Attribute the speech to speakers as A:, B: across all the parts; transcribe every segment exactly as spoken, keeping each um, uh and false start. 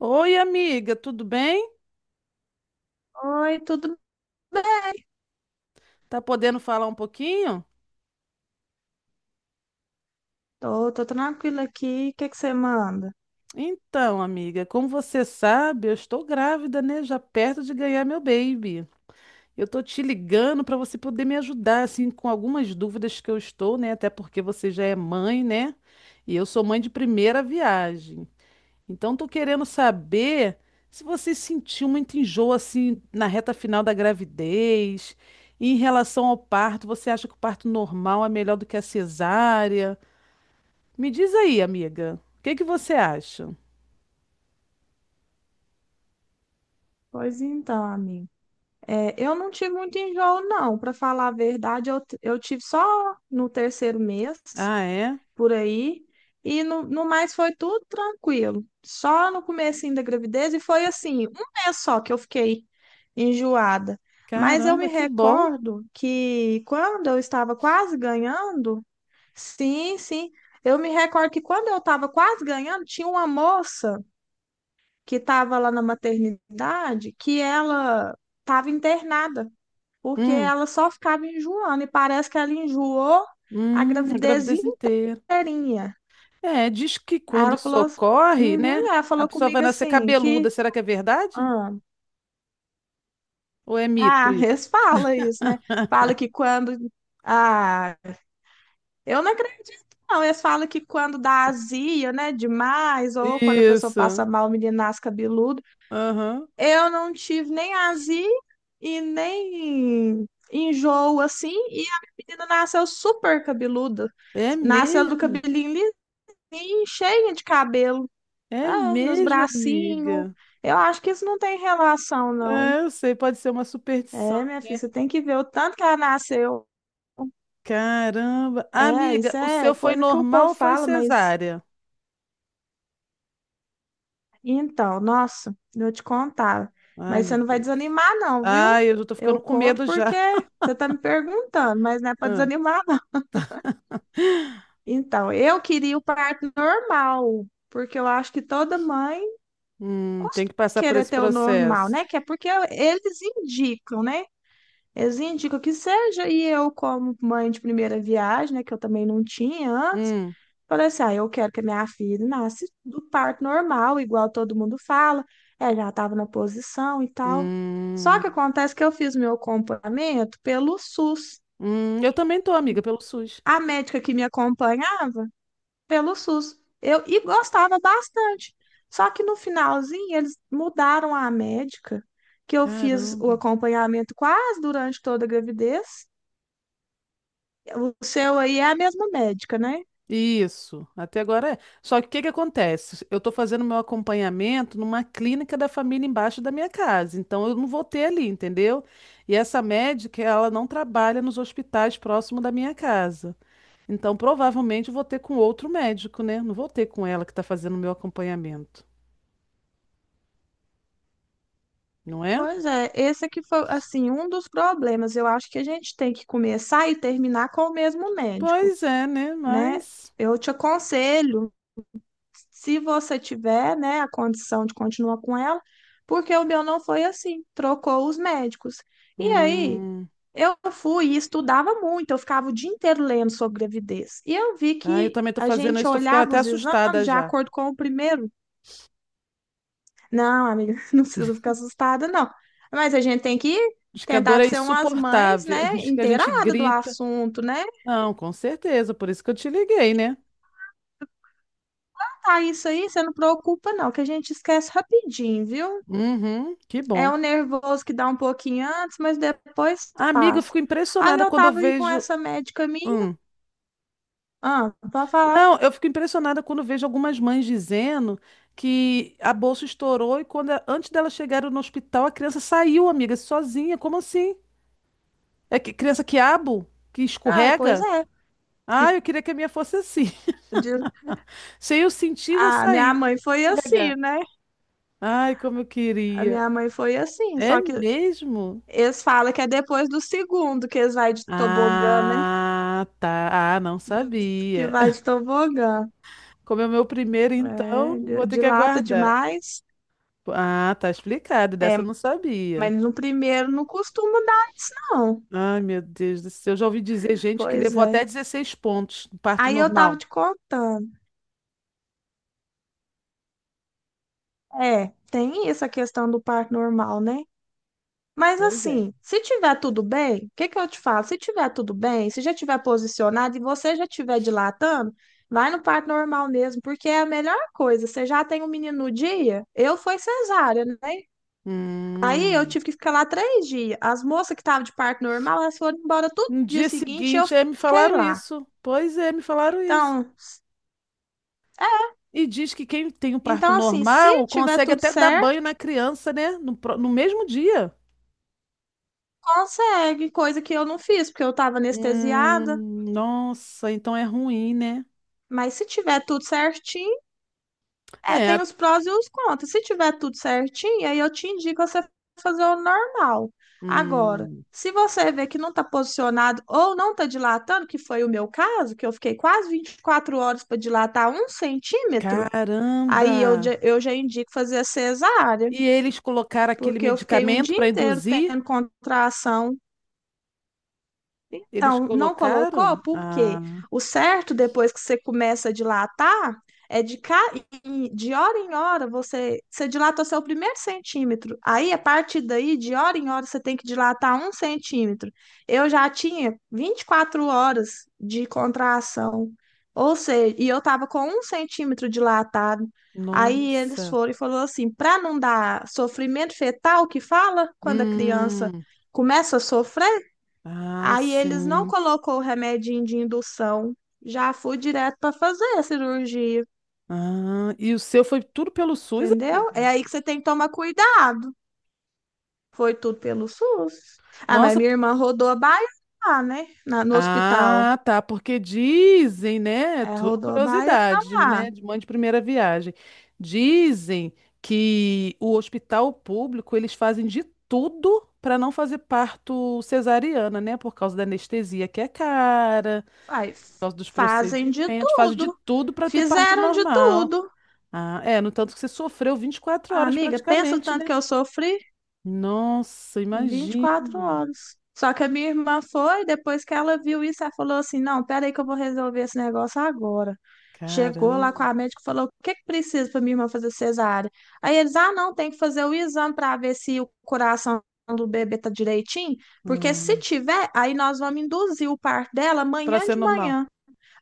A: Oi, amiga, tudo bem?
B: Oi, tudo bem?
A: Tá podendo falar um pouquinho?
B: Tô, tô tranquila aqui. O que é que você manda?
A: Então, amiga, como você sabe, eu estou grávida, né? Já perto de ganhar meu baby. Eu tô te ligando para você poder me ajudar, assim, com algumas dúvidas que eu estou, né? Até porque você já é mãe, né? E eu sou mãe de primeira viagem. Então, tô querendo saber se você sentiu muito enjoo, assim, na reta final da gravidez. E em relação ao parto, você acha que o parto normal é melhor do que a cesárea? Me diz aí, amiga, o que que você acha?
B: Pois então, amigo. É, eu não tive muito enjoo, não. Para falar a verdade, eu, t- eu tive só no terceiro mês,
A: Ah, é?
B: por aí. E no, no mais foi tudo tranquilo. Só no comecinho da gravidez. E foi assim, um mês só que eu fiquei enjoada. Mas eu me
A: Caramba, que bom.
B: recordo que quando eu estava quase ganhando, sim, sim. Eu me recordo que quando eu estava quase ganhando, tinha uma moça que estava lá na maternidade que ela estava internada, porque
A: Hum,
B: ela só ficava enjoando, e parece que ela enjoou a
A: hum, a
B: gravidez
A: gravidez inteira.
B: inteirinha.
A: É, diz que
B: Aí
A: quando
B: ela
A: isso
B: falou, ass-
A: ocorre,
B: Uhum,
A: né,
B: ela
A: a
B: falou
A: pessoa vai
B: comigo
A: nascer
B: assim,
A: cabeluda.
B: que
A: Será que é verdade?
B: ah,
A: Ou é mito
B: ah,
A: isso?
B: eles falam isso, né? Fala que quando. Ah, eu não acredito, não. Eles falam que quando dá azia, né, demais, ou quando a pessoa passa
A: Isso.
B: mal, o menino nasce cabeludo.
A: Aham.
B: Eu não tive nem azia e nem enjoo, assim, e a menina nasceu super cabeluda.
A: É
B: Nasceu do
A: mesmo?
B: cabelinho lisinho, cheia de cabelo,
A: É
B: ah, nos
A: mesmo,
B: bracinhos.
A: amiga.
B: Eu acho que isso não tem relação, não.
A: É, eu sei, pode ser uma superstição,
B: É, minha filha,
A: né?
B: você tem que ver o tanto que ela nasceu.
A: Caramba.
B: É,
A: Amiga,
B: isso
A: o
B: é
A: seu foi
B: coisa que o
A: normal ou
B: povo
A: foi
B: fala, mas
A: cesárea?
B: então, nossa, eu te contava.
A: Ai,
B: Mas
A: meu
B: você não vai
A: Deus.
B: desanimar, não, viu?
A: Ai, eu já tô
B: Eu
A: ficando com
B: conto
A: medo já.
B: porque você tá me perguntando, mas não é para
A: Ah,
B: desanimar, não. Então, eu queria o parto normal, porque eu acho que toda mãe
A: hum, tem
B: costuma
A: que passar por
B: querer
A: esse
B: ter o normal,
A: processo.
B: né? Que é porque eles indicam, né? Eles indicam que seja, e eu, como mãe de primeira viagem, né? Que eu também não tinha antes.
A: Hum,
B: Falei assim, ah, eu quero que a minha filha nasça do parto normal, igual todo mundo fala. Ela já estava na posição e tal. Só
A: hum,
B: que acontece que eu fiz meu acompanhamento pelo S U S.
A: hum, eu também tô, amiga, pelo SUS.
B: A médica que me acompanhava pelo S U S. Eu e gostava bastante. Só que no finalzinho eles mudaram a médica, que eu fiz o
A: Caramba.
B: acompanhamento quase durante toda a gravidez. O seu aí é a mesma médica, né?
A: Isso, até agora é. Só que o que que acontece? Eu estou fazendo meu acompanhamento numa clínica da família embaixo da minha casa, então eu não vou ter ali, entendeu? E essa médica, ela não trabalha nos hospitais próximo da minha casa. Então, provavelmente eu vou ter com outro médico, né? Não vou ter com ela que está fazendo o meu acompanhamento, não é?
B: Pois é, esse aqui foi, assim, um dos problemas. Eu acho que a gente tem que começar e terminar com o mesmo médico,
A: Pois é, né?
B: né?
A: Mas.
B: Eu te aconselho, se você tiver, né, a condição de continuar com ela, porque o meu não foi assim, trocou os médicos. E aí,
A: Hum...
B: eu fui e estudava muito, eu ficava o dia inteiro lendo sobre gravidez. E eu vi
A: Ah, eu
B: que
A: também estou
B: a
A: fazendo
B: gente
A: isso, estou ficando
B: olhava
A: até
B: os exames
A: assustada
B: de
A: já.
B: acordo com o primeiro não, amiga, não precisa ficar assustada, não. Mas a gente tem que
A: Diz que a dor
B: tentar
A: é
B: ser umas mães,
A: insuportável,
B: né,
A: diz que a gente
B: inteirada do
A: grita.
B: assunto, né?
A: Não, com certeza, por isso que eu te liguei, né?
B: Tá, isso aí, você não preocupa, não, que a gente esquece rapidinho, viu?
A: Uhum, que
B: É
A: bom.
B: o nervoso que dá um pouquinho antes, mas depois
A: Amiga, eu
B: passa.
A: fico
B: Aí
A: impressionada
B: eu
A: quando eu
B: tava aí com
A: vejo.
B: essa médica minha,
A: Hum.
B: ah, pra falar.
A: Não, eu fico impressionada quando vejo algumas mães dizendo que a bolsa estourou e quando a- antes delas chegarem no hospital a criança saiu, amiga, sozinha. Como assim? É que criança quiabo? Que
B: Ai, pois
A: escorrega?
B: é.
A: Ah, eu queria que a minha fosse assim.
B: De-
A: Se eu sentir, já
B: A minha
A: saí.
B: mãe foi assim,
A: Escorregar.
B: né?
A: Ai, como eu
B: A
A: queria.
B: minha mãe foi assim,
A: É
B: só que
A: mesmo?
B: eles falam que é depois do segundo que eles vai de tobogã, né?
A: Ah, tá. Ah, não
B: Que
A: sabia.
B: vai de tobogã.
A: Como é o meu primeiro,
B: É,
A: então, vou
B: di-
A: ter que
B: dilata
A: aguardar.
B: demais.
A: Ah, tá explicado.
B: É,
A: Dessa eu não sabia.
B: mas no primeiro não costuma dar isso, não.
A: Ai, meu Deus do céu. Eu já ouvi dizer gente que
B: Pois
A: levou até
B: é.
A: dezesseis pontos no parto
B: Aí eu tava
A: normal.
B: te contando. É, tem essa questão do parto normal, né? Mas
A: Pois é.
B: assim, se tiver tudo bem, o que que eu te falo? Se tiver tudo bem, se já tiver posicionado e você já tiver dilatando, vai no parto normal mesmo, porque é a melhor coisa. Você já tem um menino no dia? Eu foi cesárea, né? Aí eu
A: Hum.
B: tive que ficar lá três dias. As moças que estavam de parto normal, elas foram embora todo
A: No
B: dia
A: dia
B: seguinte e eu
A: seguinte, é, me
B: fiquei
A: falaram
B: lá.
A: isso. Pois é, me falaram isso.
B: Então,
A: E diz que quem tem um parto
B: então assim, se
A: normal
B: tiver
A: consegue
B: tudo
A: até dar banho
B: certo,
A: na criança, né? No, pro- no mesmo dia.
B: consegue, coisa que eu não fiz, porque eu estava anestesiada.
A: Hum, nossa, então é ruim, né?
B: Mas se tiver tudo certinho, é,
A: É.
B: tem
A: a-
B: os prós e os contras. Se tiver tudo certinho, aí eu te indico você fazer o normal. Agora,
A: Hum,
B: se você vê que não está posicionado ou não está dilatando, que foi o meu caso, que eu fiquei quase vinte e quatro horas para dilatar um centímetro,
A: caramba!
B: Aí eu, já- eu já indico fazer a cesárea,
A: E eles colocaram aquele
B: porque eu fiquei um
A: medicamento
B: dia
A: para
B: inteiro
A: induzir?
B: tendo contração.
A: Eles
B: Então, não colocou
A: colocaram?
B: porque
A: Ah.
B: o certo, depois que você começa a dilatar, é de, ca... em- de hora em hora você... você dilata o seu primeiro centímetro. Aí, a partir daí, de hora em hora, você tem que dilatar um centímetro. Eu já tinha vinte e quatro horas de contração, ou seja, e eu estava com um centímetro dilatado. Aí eles
A: Nossa.
B: foram e falou assim, para não dar sofrimento fetal, que fala quando a criança
A: Hum.
B: começa a sofrer.
A: Ah,
B: Aí eles não
A: sim.
B: colocou o remedinho de indução, já fui direto para fazer a cirurgia,
A: Ah, e o seu foi tudo pelo SUS,
B: entendeu? É
A: amiga?
B: aí que você tem que tomar cuidado. Foi tudo pelo S U S. Ah, mas
A: Nossa.
B: minha
A: p-
B: irmã rodou a baiana lá, né? Na- no hospital.
A: Ah, tá, porque dizem, né?
B: É,
A: Tudo
B: rodou a baiana
A: curiosidade,
B: lá.
A: né? De mãe de primeira viagem. Dizem que o hospital público, eles fazem de tudo para não fazer parto cesariana, né? Por causa da anestesia que é cara, por
B: Faz,
A: causa dos
B: fazem de
A: procedimentos, fazem de
B: tudo.
A: tudo para ter parto
B: Fizeram de
A: normal.
B: tudo.
A: Ah, é, no tanto que você sofreu vinte e quatro
B: Ah,
A: horas
B: amiga, pensa o
A: praticamente,
B: tanto
A: né?
B: que eu sofri.
A: Nossa,
B: vinte e quatro
A: imagino.
B: horas. Só que a minha irmã foi, depois que ela viu isso, ela falou assim: não, peraí que eu vou resolver esse negócio agora. Chegou lá com
A: Caramba.
B: a médica e falou: o que que precisa para minha irmã fazer cesárea? Aí eles: ah, não, tem que fazer o exame para ver se o coração do bebê tá direitinho, porque se
A: Hum,
B: tiver, aí nós vamos induzir o parto dela
A: para
B: amanhã
A: ser
B: de
A: normal.
B: manhã.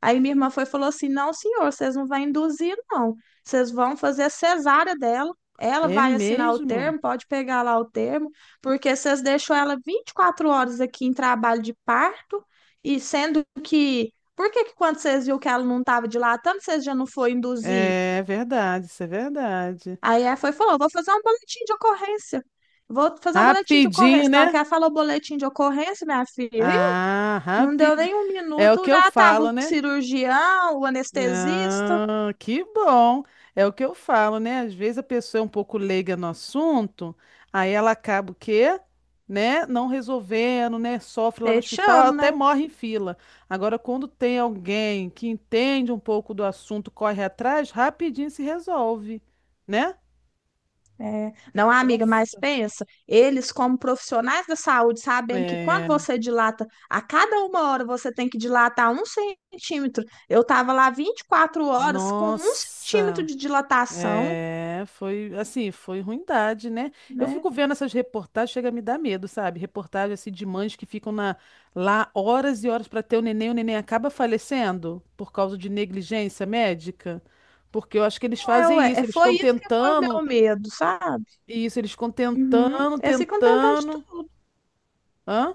B: Aí minha irmã foi e falou assim: Não, senhor, vocês não vão induzir, não. Vocês vão fazer a cesárea dela. Ela
A: É
B: vai assinar o
A: mesmo?
B: termo, pode pegar lá o termo, porque vocês deixou ela vinte e quatro horas aqui em trabalho de parto, e sendo que. Por que que quando vocês viu que ela não estava dilatando, vocês já não foi induzir?
A: É verdade, isso é verdade.
B: Aí ela foi e falou: Vou fazer um boletim de ocorrência. Vou fazer um boletim de
A: Rapidinho,
B: ocorrência. Na hora
A: né?
B: que ela falou boletim de ocorrência, minha filha, ih,
A: Ah,
B: não deu
A: rapidinho.
B: nem um
A: É o
B: minuto,
A: que eu
B: já estava
A: falo,
B: o
A: né?
B: cirurgião, o anestesista.
A: Ah, que bom. É o que eu falo, né? Às vezes a pessoa é um pouco leiga no assunto, aí ela acaba o quê? Né? Não resolvendo, né? Sofre lá no
B: Este
A: hospital,
B: ano,
A: até
B: né?
A: morre em fila. Agora, quando tem alguém que entende um pouco do assunto, corre atrás, rapidinho se resolve, né?
B: É. Não, amiga, mas
A: Nossa.
B: pensa, eles como profissionais da saúde, sabendo que quando
A: É,
B: você dilata, a cada uma hora você tem que dilatar um centímetro. Eu estava lá vinte e quatro horas com um centímetro
A: nossa.
B: de dilatação,
A: É, foi assim, foi ruindade, né? Eu
B: né?
A: fico vendo essas reportagens, chega a me dar medo, sabe? Reportagem assim de mães que ficam na- lá horas e horas para ter o neném, o neném acaba falecendo por causa de negligência médica. Porque eu acho que eles
B: É, ué,
A: fazem isso,
B: é,
A: eles
B: foi
A: ficam
B: isso que foi o
A: tentando,
B: meu medo, sabe?
A: isso, eles ficam
B: Uhum.
A: tentando,
B: Eles ficam tentando de
A: tentando. Hã?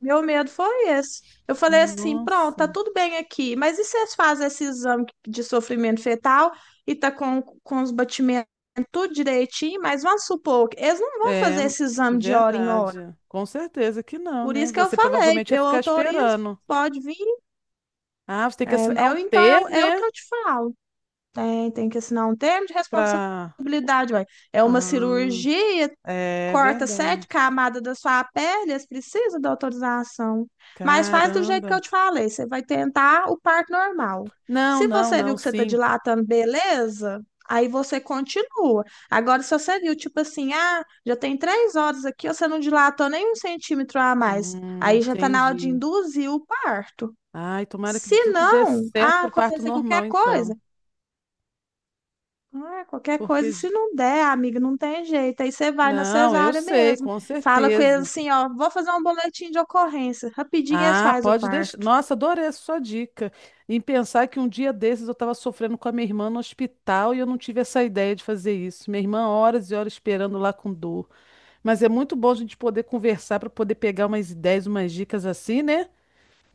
B: meu medo foi esse. Eu falei assim, pronto,
A: Nossa.
B: tá tudo bem aqui, mas e se vocês fazem esse exame de sofrimento fetal e tá com, com os batimentos tudo direitinho, mas vamos supor que eles não vão
A: É
B: fazer esse exame de hora em hora.
A: verdade. Com certeza que não,
B: Por
A: né?
B: isso que eu
A: Você
B: falei,
A: provavelmente ia
B: eu
A: ficar
B: autorizo,
A: esperando.
B: pode vir.
A: Ah, você tem que
B: É,
A: assinar
B: é
A: um
B: o- então é, o
A: termo,
B: é o que
A: né?
B: eu te falo. Tem, tem que assinar um termo de
A: Pra.
B: responsabilidade, ué. É uma
A: Ah,
B: cirurgia,
A: é
B: corta
A: verdade.
B: sete camadas da sua pele, eles precisam da autorização. Mas faz do jeito que eu
A: Caramba.
B: te falei, você vai tentar o parto normal.
A: Não,
B: Se
A: não,
B: você viu
A: não,
B: que você está
A: sim.
B: dilatando, beleza, aí você continua. Agora, se você viu, tipo assim, ah, já tem três horas aqui, você não dilatou nem um centímetro a mais,
A: Hum,
B: aí já está na hora de
A: entendi.
B: induzir o parto.
A: Ai, tomara que
B: Se
A: tudo dê
B: não,
A: certo
B: ah,
A: pro parto
B: acontecer qualquer
A: normal,
B: coisa,
A: então.
B: ah, qualquer
A: Porque.
B: coisa, se
A: j-
B: não der, amiga, não tem jeito. Aí você vai na
A: Não, eu
B: cesárea
A: sei,
B: mesmo.
A: com
B: Fala com eles
A: certeza.
B: assim, ó, vou fazer um boletim de ocorrência. Rapidinho eles
A: Ah,
B: fazem o
A: pode deixar.
B: parto.
A: Nossa, adorei a sua dica. Em pensar que um dia desses eu estava sofrendo com a minha irmã no hospital e eu não tive essa ideia de fazer isso. Minha irmã, horas e horas esperando lá com dor. Mas é muito bom a gente poder conversar para poder pegar umas ideias, umas dicas assim, né?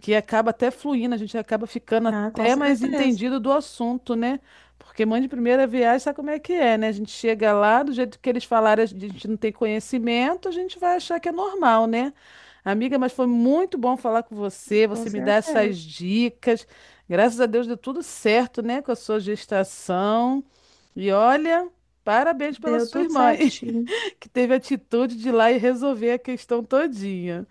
A: Que acaba até fluindo, a gente acaba ficando
B: Ah, com
A: até mais
B: certeza,
A: entendido do assunto, né? Porque mãe de primeira viagem sabe como é que é, né? A gente chega lá, do jeito que eles falaram, a gente não tem conhecimento, a gente vai achar que é normal, né? Amiga, mas foi muito bom falar com você,
B: com
A: você me dá essas
B: certeza.
A: dicas. Graças a Deus deu tudo certo, né, com a sua gestação. E olha, parabéns pela
B: Deu
A: sua
B: tudo
A: irmã,
B: certinho.
A: que teve a atitude de ir lá e resolver a questão todinha.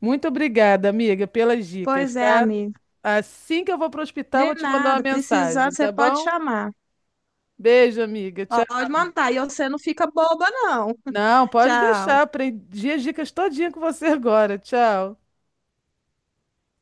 A: Muito obrigada, amiga, pelas dicas,
B: Pois é,
A: tá?
B: amiga.
A: Assim que eu vou pro hospital,
B: De
A: vou te mandar uma
B: nada, precisando,
A: mensagem,
B: você
A: tá
B: pode
A: bom?
B: chamar.
A: Beijo, amiga. Tchau.
B: Pode mandar. E você não fica boba, não.
A: Não, pode deixar.
B: Tchau.
A: Aprendi as dicas todinha com você agora. Tchau.